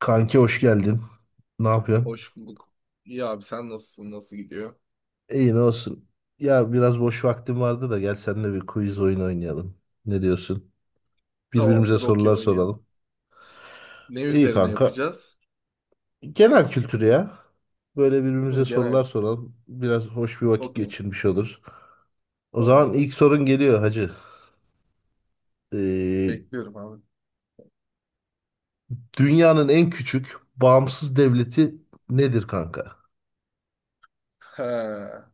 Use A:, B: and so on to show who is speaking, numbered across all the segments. A: Kanki hoş geldin. Ne yapıyorsun?
B: Hoş bulduk. İyi abi sen nasılsın? Nasıl gidiyor?
A: İyi ne olsun. Ya biraz boş vaktim vardı da gel seninle bir quiz oyun oynayalım. Ne diyorsun? Birbirimize
B: Tamamdır okey
A: sorular
B: oynayalım.
A: soralım.
B: Ne
A: İyi
B: üzerine
A: kanka.
B: yapacağız?
A: Genel kültür ya. Böyle
B: Hı,
A: birbirimize sorular
B: genel.
A: soralım. Biraz hoş bir vakit
B: Okey.
A: geçirmiş oluruz. O zaman ilk
B: Tamamdır.
A: sorun geliyor hacı. Ee,
B: Bekliyorum abi.
A: dünyanın en küçük bağımsız devleti nedir kanka?
B: Ha,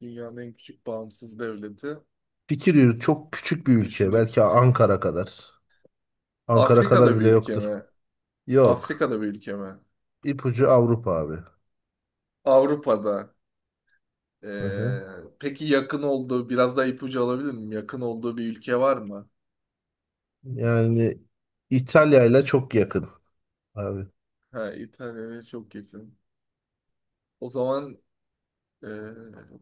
B: dünyanın en küçük bağımsız devleti.
A: Fikir yürüt çok küçük bir
B: Bir
A: ülke.
B: düşüneyim.
A: Belki Ankara kadar. Ankara kadar
B: Afrika'da bir
A: bile
B: ülke
A: yoktur.
B: mi?
A: Yok.
B: Afrika'da bir ülke mi?
A: İpucu Avrupa abi.
B: Avrupa'da.
A: Aha.
B: Ee, peki yakın olduğu, biraz daha ipucu alabilir miyim? Yakın olduğu bir ülke var mı?
A: Yani İtalya ile çok yakın abi.
B: Ha, İtalya'ya çok yakın. O zaman Ee,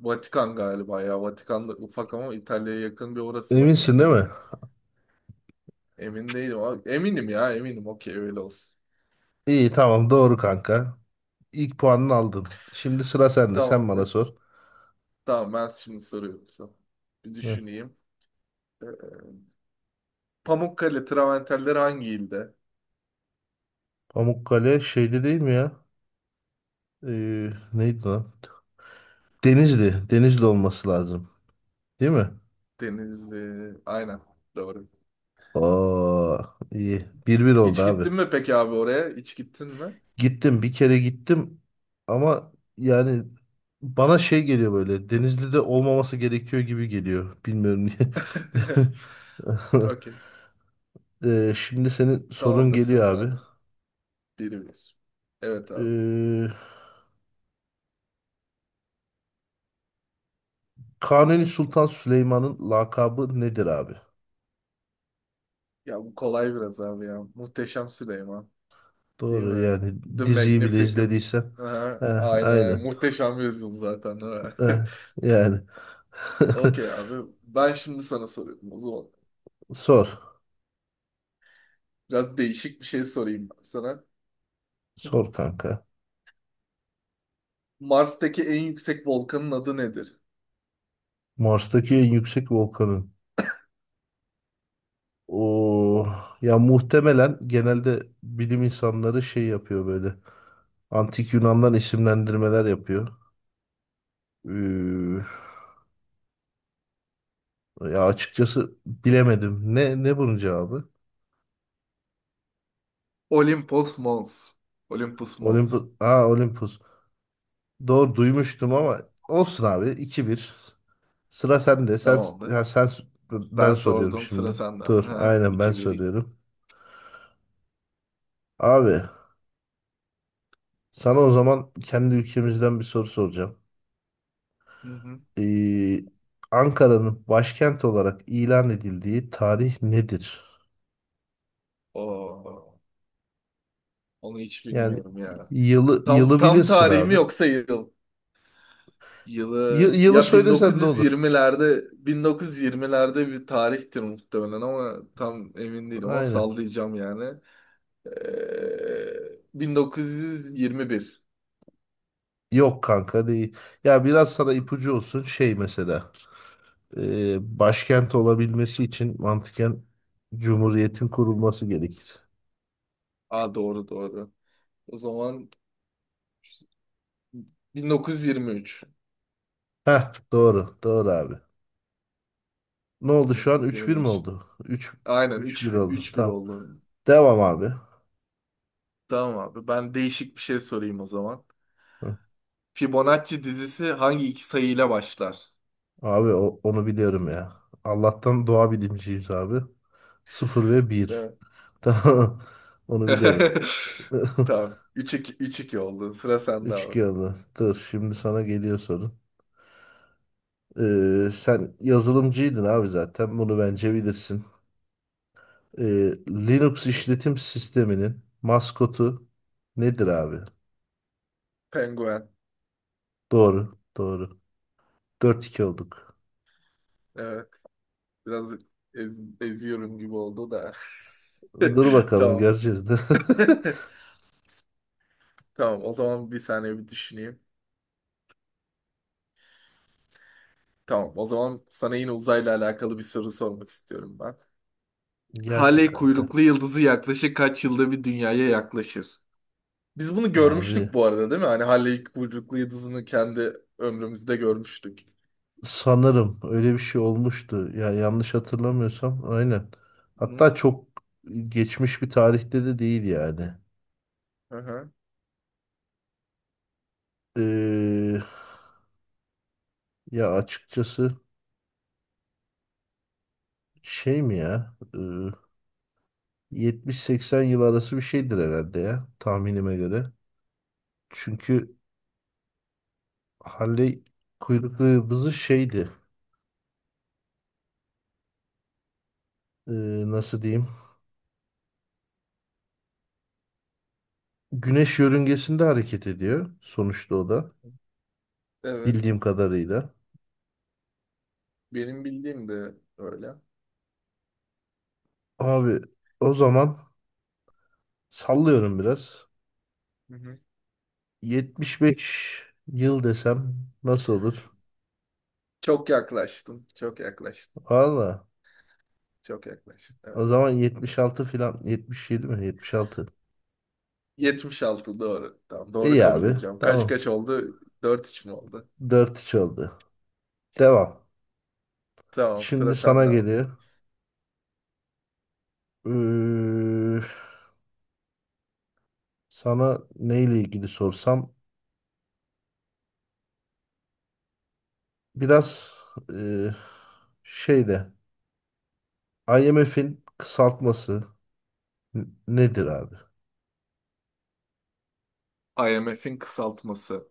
B: Vatikan galiba ya. Vatikan da ufak ama İtalya'ya yakın bir orası var.
A: Eminsin
B: Onu
A: değil mi?
B: bildim. Emin değilim, eminim ya eminim. Okey öyle olsun.
A: İyi tamam doğru kanka. İlk puanını aldın. Şimdi sıra sende. Sen bana
B: Tamamdır.
A: sor.
B: Tamam ben şimdi soruyorum sana. Bir
A: Heh.
B: düşüneyim. Ee, Pamukkale travertenleri hangi ilde?
A: Pamukkale şeyde değil mi ya? Neydi lan? Denizli. Denizli olması lazım. Değil mi?
B: Denizli. Aynen. Doğru.
A: Oo, iyi. Bir bir oldu
B: Hiç
A: abi.
B: gittin mi peki abi oraya? Hiç gittin mi?
A: Gittim bir kere gittim ama yani bana şey geliyor böyle Denizli'de olmaması gerekiyor gibi geliyor. Bilmiyorum niye.
B: Okey.
A: Şimdi senin sorun
B: Tamamdır
A: geliyor
B: sıra
A: abi.
B: sende. Biri bir. Evet abi.
A: Ee, Kanuni Sultan Süleyman'ın lakabı nedir abi?
B: Ya bu kolay biraz abi ya. Muhteşem Süleyman. Değil
A: Doğru
B: mi?
A: yani
B: The
A: diziyi bile
B: Magnificent.
A: izlediysen.
B: Aha,
A: Eh,
B: aynen aynen.
A: aynen.
B: Muhteşem yüzyıl zaten, değil mi?
A: Eh, yani.
B: Okey abi. Ben şimdi sana soruyorum o zaman.
A: Sor.
B: Biraz değişik bir şey sorayım ben sana.
A: Sor kanka.
B: Mars'taki en yüksek volkanın adı nedir?
A: Mars'taki en yüksek volkanın. O ya muhtemelen genelde bilim insanları şey yapıyor böyle. Antik Yunan'dan isimlendirmeler yapıyor. Ee, ya açıkçası bilemedim. Ne bunun cevabı?
B: Olympus Mons. Olympus
A: Olympus.
B: Mons.
A: Aa Olympus. Doğru
B: Hı
A: duymuştum
B: hı.
A: ama olsun abi iki bir. Sıra sende. Sen
B: Tamamdır.
A: ya sen ben
B: Ben
A: soruyorum
B: sordum
A: şimdi.
B: sıra sende.
A: Dur.
B: Ha,
A: Aynen ben
B: iki vereyim.
A: soruyorum. Abi sana o zaman kendi ülkemizden bir soru soracağım.
B: Hı hı.
A: e, Ankara'nın başkent olarak ilan edildiği tarih nedir?
B: Oo, onu hiç
A: Yani
B: bilmiyorum ya.
A: yılı
B: Tam
A: yılı
B: tam
A: bilirsin
B: tarihimi
A: abi.
B: yoksa yıl.
A: Yı-
B: Yılı
A: yılı
B: ya
A: söylesen de olur.
B: 1920'lerde bir tarihtir muhtemelen ama tam emin değilim ama
A: Aynen.
B: sallayacağım yani. Ee, 1921.
A: Yok kanka değil. Ya biraz sana ipucu olsun şey mesela. Başkent olabilmesi için mantıken Cumhuriyet'in kurulması gerekir.
B: Aa doğru doğru. O zaman 1923.
A: Heh doğru. Doğru abi. Ne oldu şu an? Üç bir mi
B: 1923.
A: oldu? Üç
B: Aynen
A: üç
B: 3
A: bir oldu.
B: 3-1
A: Tamam.
B: oldu.
A: Devam abi.
B: Tamam abi ben değişik bir şey sorayım o zaman. Fibonacci dizisi hangi iki sayıyla başlar?
A: Abi onu biliyorum ya. Allah'tan doğa bilimciyiz abi. Sıfır ve bir.
B: Evet.
A: Tamam. Onu biliyorum.
B: Tamam. 3-2 oldu. Sıra sende
A: Üç
B: abi.
A: 2 oldu. Dur şimdi sana geliyor sorun. Sen yazılımcıydın abi zaten. Bunu bence bilirsin. Ee, Linux işletim sisteminin maskotu nedir abi?
B: Penguen.
A: Doğru. Doğru. Dört iki olduk.
B: Evet. Biraz ez- eziyorum gibi oldu da.
A: Dur bakalım
B: Tamam.
A: göreceğiz de.
B: Tamam. O zaman bir saniye bir düşüneyim. Tamam. O zaman sana yine uzayla alakalı bir soru sormak istiyorum ben.
A: Gelsin
B: Halley
A: kanka.
B: kuyruklu yıldızı yaklaşık kaç yılda bir dünyaya yaklaşır? Biz bunu
A: Abi.
B: görmüştük bu arada, değil mi? Hani Halley kuyruklu yıldızını kendi ömrümüzde görmüştük.
A: Sanırım öyle bir şey olmuştu. Ya yanlış hatırlamıyorsam aynen.
B: Hı-hı.
A: Hatta çok geçmiş bir tarihte de değil yani.
B: Aha.
A: Ee, ya açıkçası şey mi ya? 70-80 yıl arası bir şeydir herhalde ya tahminime göre. Çünkü Halley kuyruklu yıldızı şeydi. Ee, nasıl diyeyim? Güneş yörüngesinde hareket ediyor sonuçta o da
B: Evet.
A: bildiğim kadarıyla.
B: Benim bildiğim de öyle.
A: Abi o zaman sallıyorum biraz.
B: Hı-hı.
A: 75 yıl desem nasıl olur?
B: Çok yaklaştın. Çok yaklaştın.
A: Valla
B: Çok yaklaştın.
A: o
B: Evet.
A: zaman 76 falan 77 mi? 76.
B: 76 doğru. Tamam doğru
A: İyi
B: kabul
A: abi
B: edeceğim. Kaç
A: tamam.
B: kaç oldu? 4-3 mü oldu?
A: Dört 3 oldu. Devam.
B: Tamam
A: Şimdi
B: sıra
A: sana
B: sende abi.
A: geliyor. Ee, sana neyle ilgili sorsam biraz e, şeyde IMF'in kısaltması
B: Hı
A: nedir
B: hı.
A: abi?
B: IMF'in kısaltması.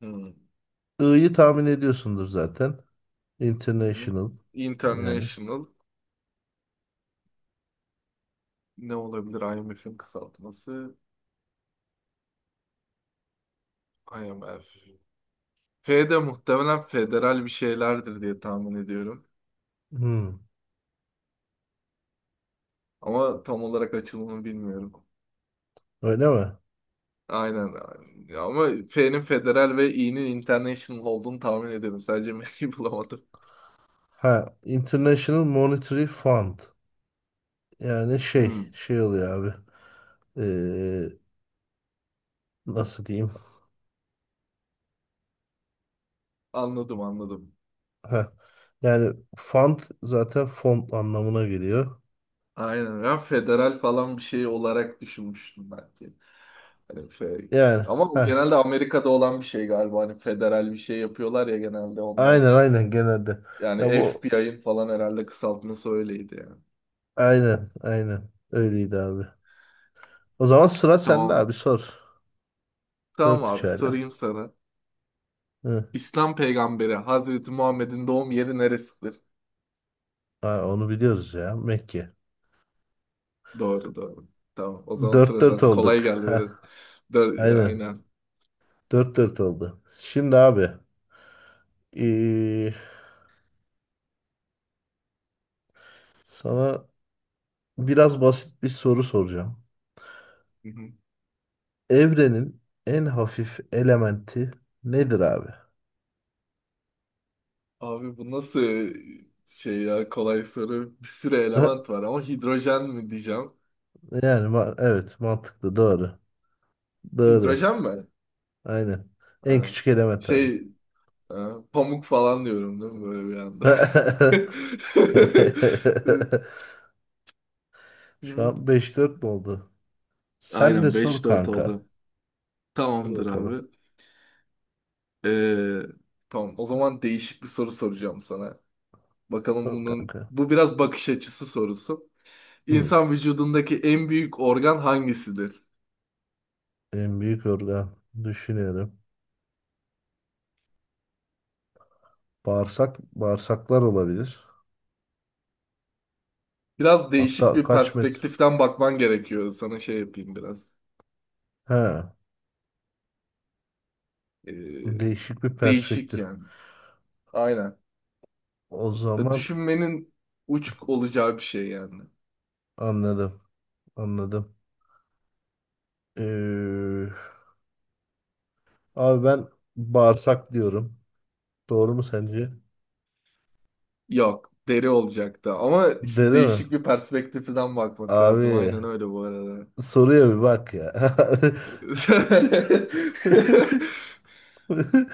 B: Hı.
A: I'yı tahmin ediyorsundur zaten.
B: Hı hı.
A: International yani.
B: International ne olabilir IMF'in kısaltması? IMF. F de muhtemelen federal bir şeylerdir diye tahmin ediyorum.
A: Hmm,
B: Ama tam olarak açılımını bilmiyorum.
A: öyle mi?
B: Aynen. Ya ama F'nin federal ve İ'nin international olduğunu tahmin ediyorum. Sadece M'yi bulamadım.
A: Ha, International Monetary Fund. Yani şey,
B: Hmm,
A: şey oluyor abi. Ee, nasıl diyeyim?
B: anladım anladım.
A: Ha, yani fund zaten fond anlamına geliyor.
B: Aynen. Ya federal falan bir şey olarak düşünmüştüm belki. Hani fe-
A: Yani
B: Ama bu
A: ha,
B: genelde Amerika'da olan bir şey galiba. Hani federal bir şey yapıyorlar ya genelde onlar.
A: aynen aynen genelde.
B: Yani
A: Ya bu
B: FBI'ın falan herhalde kısaltması öyleydi yani.
A: aynen aynen
B: Hı.
A: öyleydi abi. O zaman sıra sende
B: Tamam.
A: abi sor.
B: Tamam
A: Dört 3
B: abi
A: hala.
B: sorayım sana.
A: Hı.
B: İslam peygamberi Hazreti Muhammed'in doğum yeri neresidir?
A: Ha, onu biliyoruz ya Mekke.
B: Doğru doğru. Tamam. O zaman
A: Dört
B: sıra
A: dört
B: sende. Kolay
A: olduk.
B: geldi
A: Ha,
B: biraz.
A: aynen
B: Aynen.
A: dört dört oldu. Şimdi abi ee, sana biraz basit bir soru soracağım. Evrenin en hafif elementi nedir abi?
B: Abi bu nasıl şey ya, kolay soru. Bir sürü
A: Ha,
B: element var ama hidrojen mi diyeceğim.
A: yani evet mantıklı doğru. Doğru.
B: Hidrojen mi?
A: Aynen. En
B: Aynen.
A: küçük element abi.
B: Şey e, pamuk falan diyorum, değil mi, böyle bir anda.
A: Şu
B: Hı.
A: an beş dört mü oldu? Sen de
B: Aynen
A: sor
B: 5-4
A: kanka.
B: oldu.
A: Sor
B: Tamamdır
A: bakalım.
B: abi. Ee, tamam o zaman değişik bir soru soracağım sana. Bakalım
A: Sor
B: bunun
A: kanka.
B: bu biraz bakış açısı sorusu.
A: Hmm.
B: İnsan vücudundaki en büyük organ hangisidir?
A: En büyük organ düşünüyorum. Bağırsak, bağırsaklar olabilir.
B: Biraz değişik
A: Hatta
B: bir
A: kaç metre?
B: perspektiften bakman gerekiyor. Sana şey yapayım biraz.
A: He,
B: Ee,
A: değişik bir
B: değişik
A: perspektif.
B: yani. Aynen.
A: O zaman
B: Düşünmenin uç olacağı bir şey yani.
A: anladım, anladım. Ee, abi ben bağırsak diyorum. Doğru mu sence?
B: Yok, deri olacaktı. Ama işte
A: Deli mi?
B: değişik bir perspektiften bakmak
A: Abi
B: lazım. Aynen öyle bu arada.
A: soruya bir bak ya.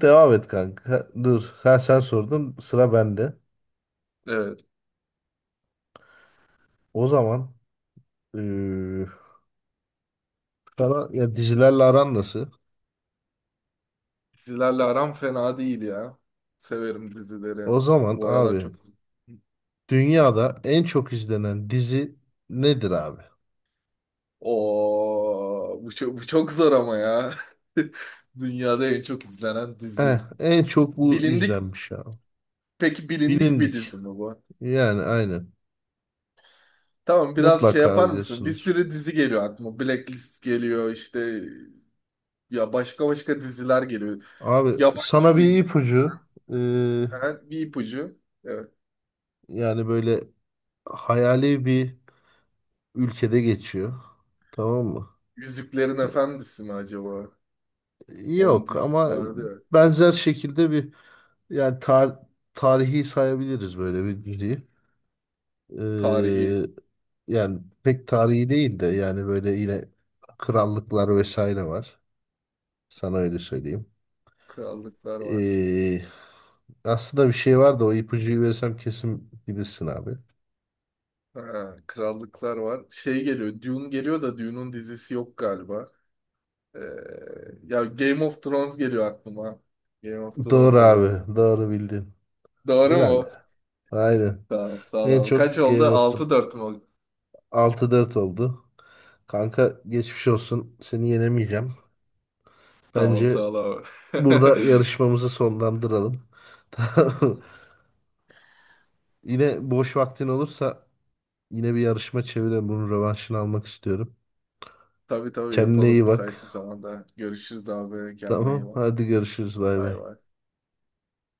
A: Devam et kanka. Dur, sen sordun, sıra bende.
B: Evet.
A: O zaman ee, sana ya dizilerle aran nasıl?
B: Dizilerle aram fena değil ya. Severim dizileri.
A: O zaman
B: Bu aralar
A: abi
B: çok.
A: dünyada en çok izlenen dizi nedir abi?
B: Oo, bu çok zor ama ya. Dünyada en çok izlenen
A: Eh,
B: dizi.
A: en çok bu
B: Bilindik
A: izlenmiş ya.
B: peki bilindik bir
A: Bilindik.
B: dizi mi bu?
A: Yani aynen.
B: Tamam biraz şey
A: Mutlaka
B: yapar mısın? Bir
A: biliyorsunuz.
B: sürü dizi geliyor aklıma. Blacklist geliyor işte ya, başka başka diziler geliyor.
A: Abi sana
B: Yabancı bir
A: bir
B: dizi.
A: ipucu. Ee,
B: Ha, bir ipucu. Evet.
A: yani böyle hayali bir ülkede geçiyor. Tamam mı?
B: Yüzüklerin Efendisi mi acaba?
A: E,
B: Onun
A: yok
B: dizisi
A: ama
B: vardı ya.
A: benzer şekilde bir yani tarihi sayabiliriz böyle bir diziyi. Ee,
B: Tarihi.
A: yani pek tarihi değil de yani böyle yine krallıklar vesaire var. Sana öyle söyleyeyim.
B: Krallıklar var.
A: Ee, aslında bir şey var da o ipucuyu verirsem kesin bilirsin abi.
B: Ha, krallıklar var. Şey geliyor. Dune geliyor da Dune'un dizisi yok galiba. Ee, ya Game of Thrones geliyor aklıma. Game of
A: Doğru
B: Thrones olurdu.
A: abi. Doğru bildin.
B: Doğru
A: Helal.
B: mu?
A: Aynen.
B: Tamam, sağ ol
A: En
B: abi. Kaç
A: çok
B: oldu?
A: Game of the
B: 6-4 mü oldu?
A: 6-4 oldu. Kanka geçmiş olsun. Seni yenemeyeceğim.
B: Sağ ol, sağ
A: Bence
B: ol abi.
A: burada yarışmamızı sonlandıralım. Tamam. Yine boş vaktin olursa yine bir yarışma çevirelim. Bunun rövanşını almak istiyorum.
B: Tabii tabii
A: Kendine
B: yapalım
A: iyi bak.
B: müsait bir zamanda. Görüşürüz abi. Kendine iyi
A: Tamam.
B: bak.
A: Hadi görüşürüz. Bay
B: Bay
A: bay.
B: bay.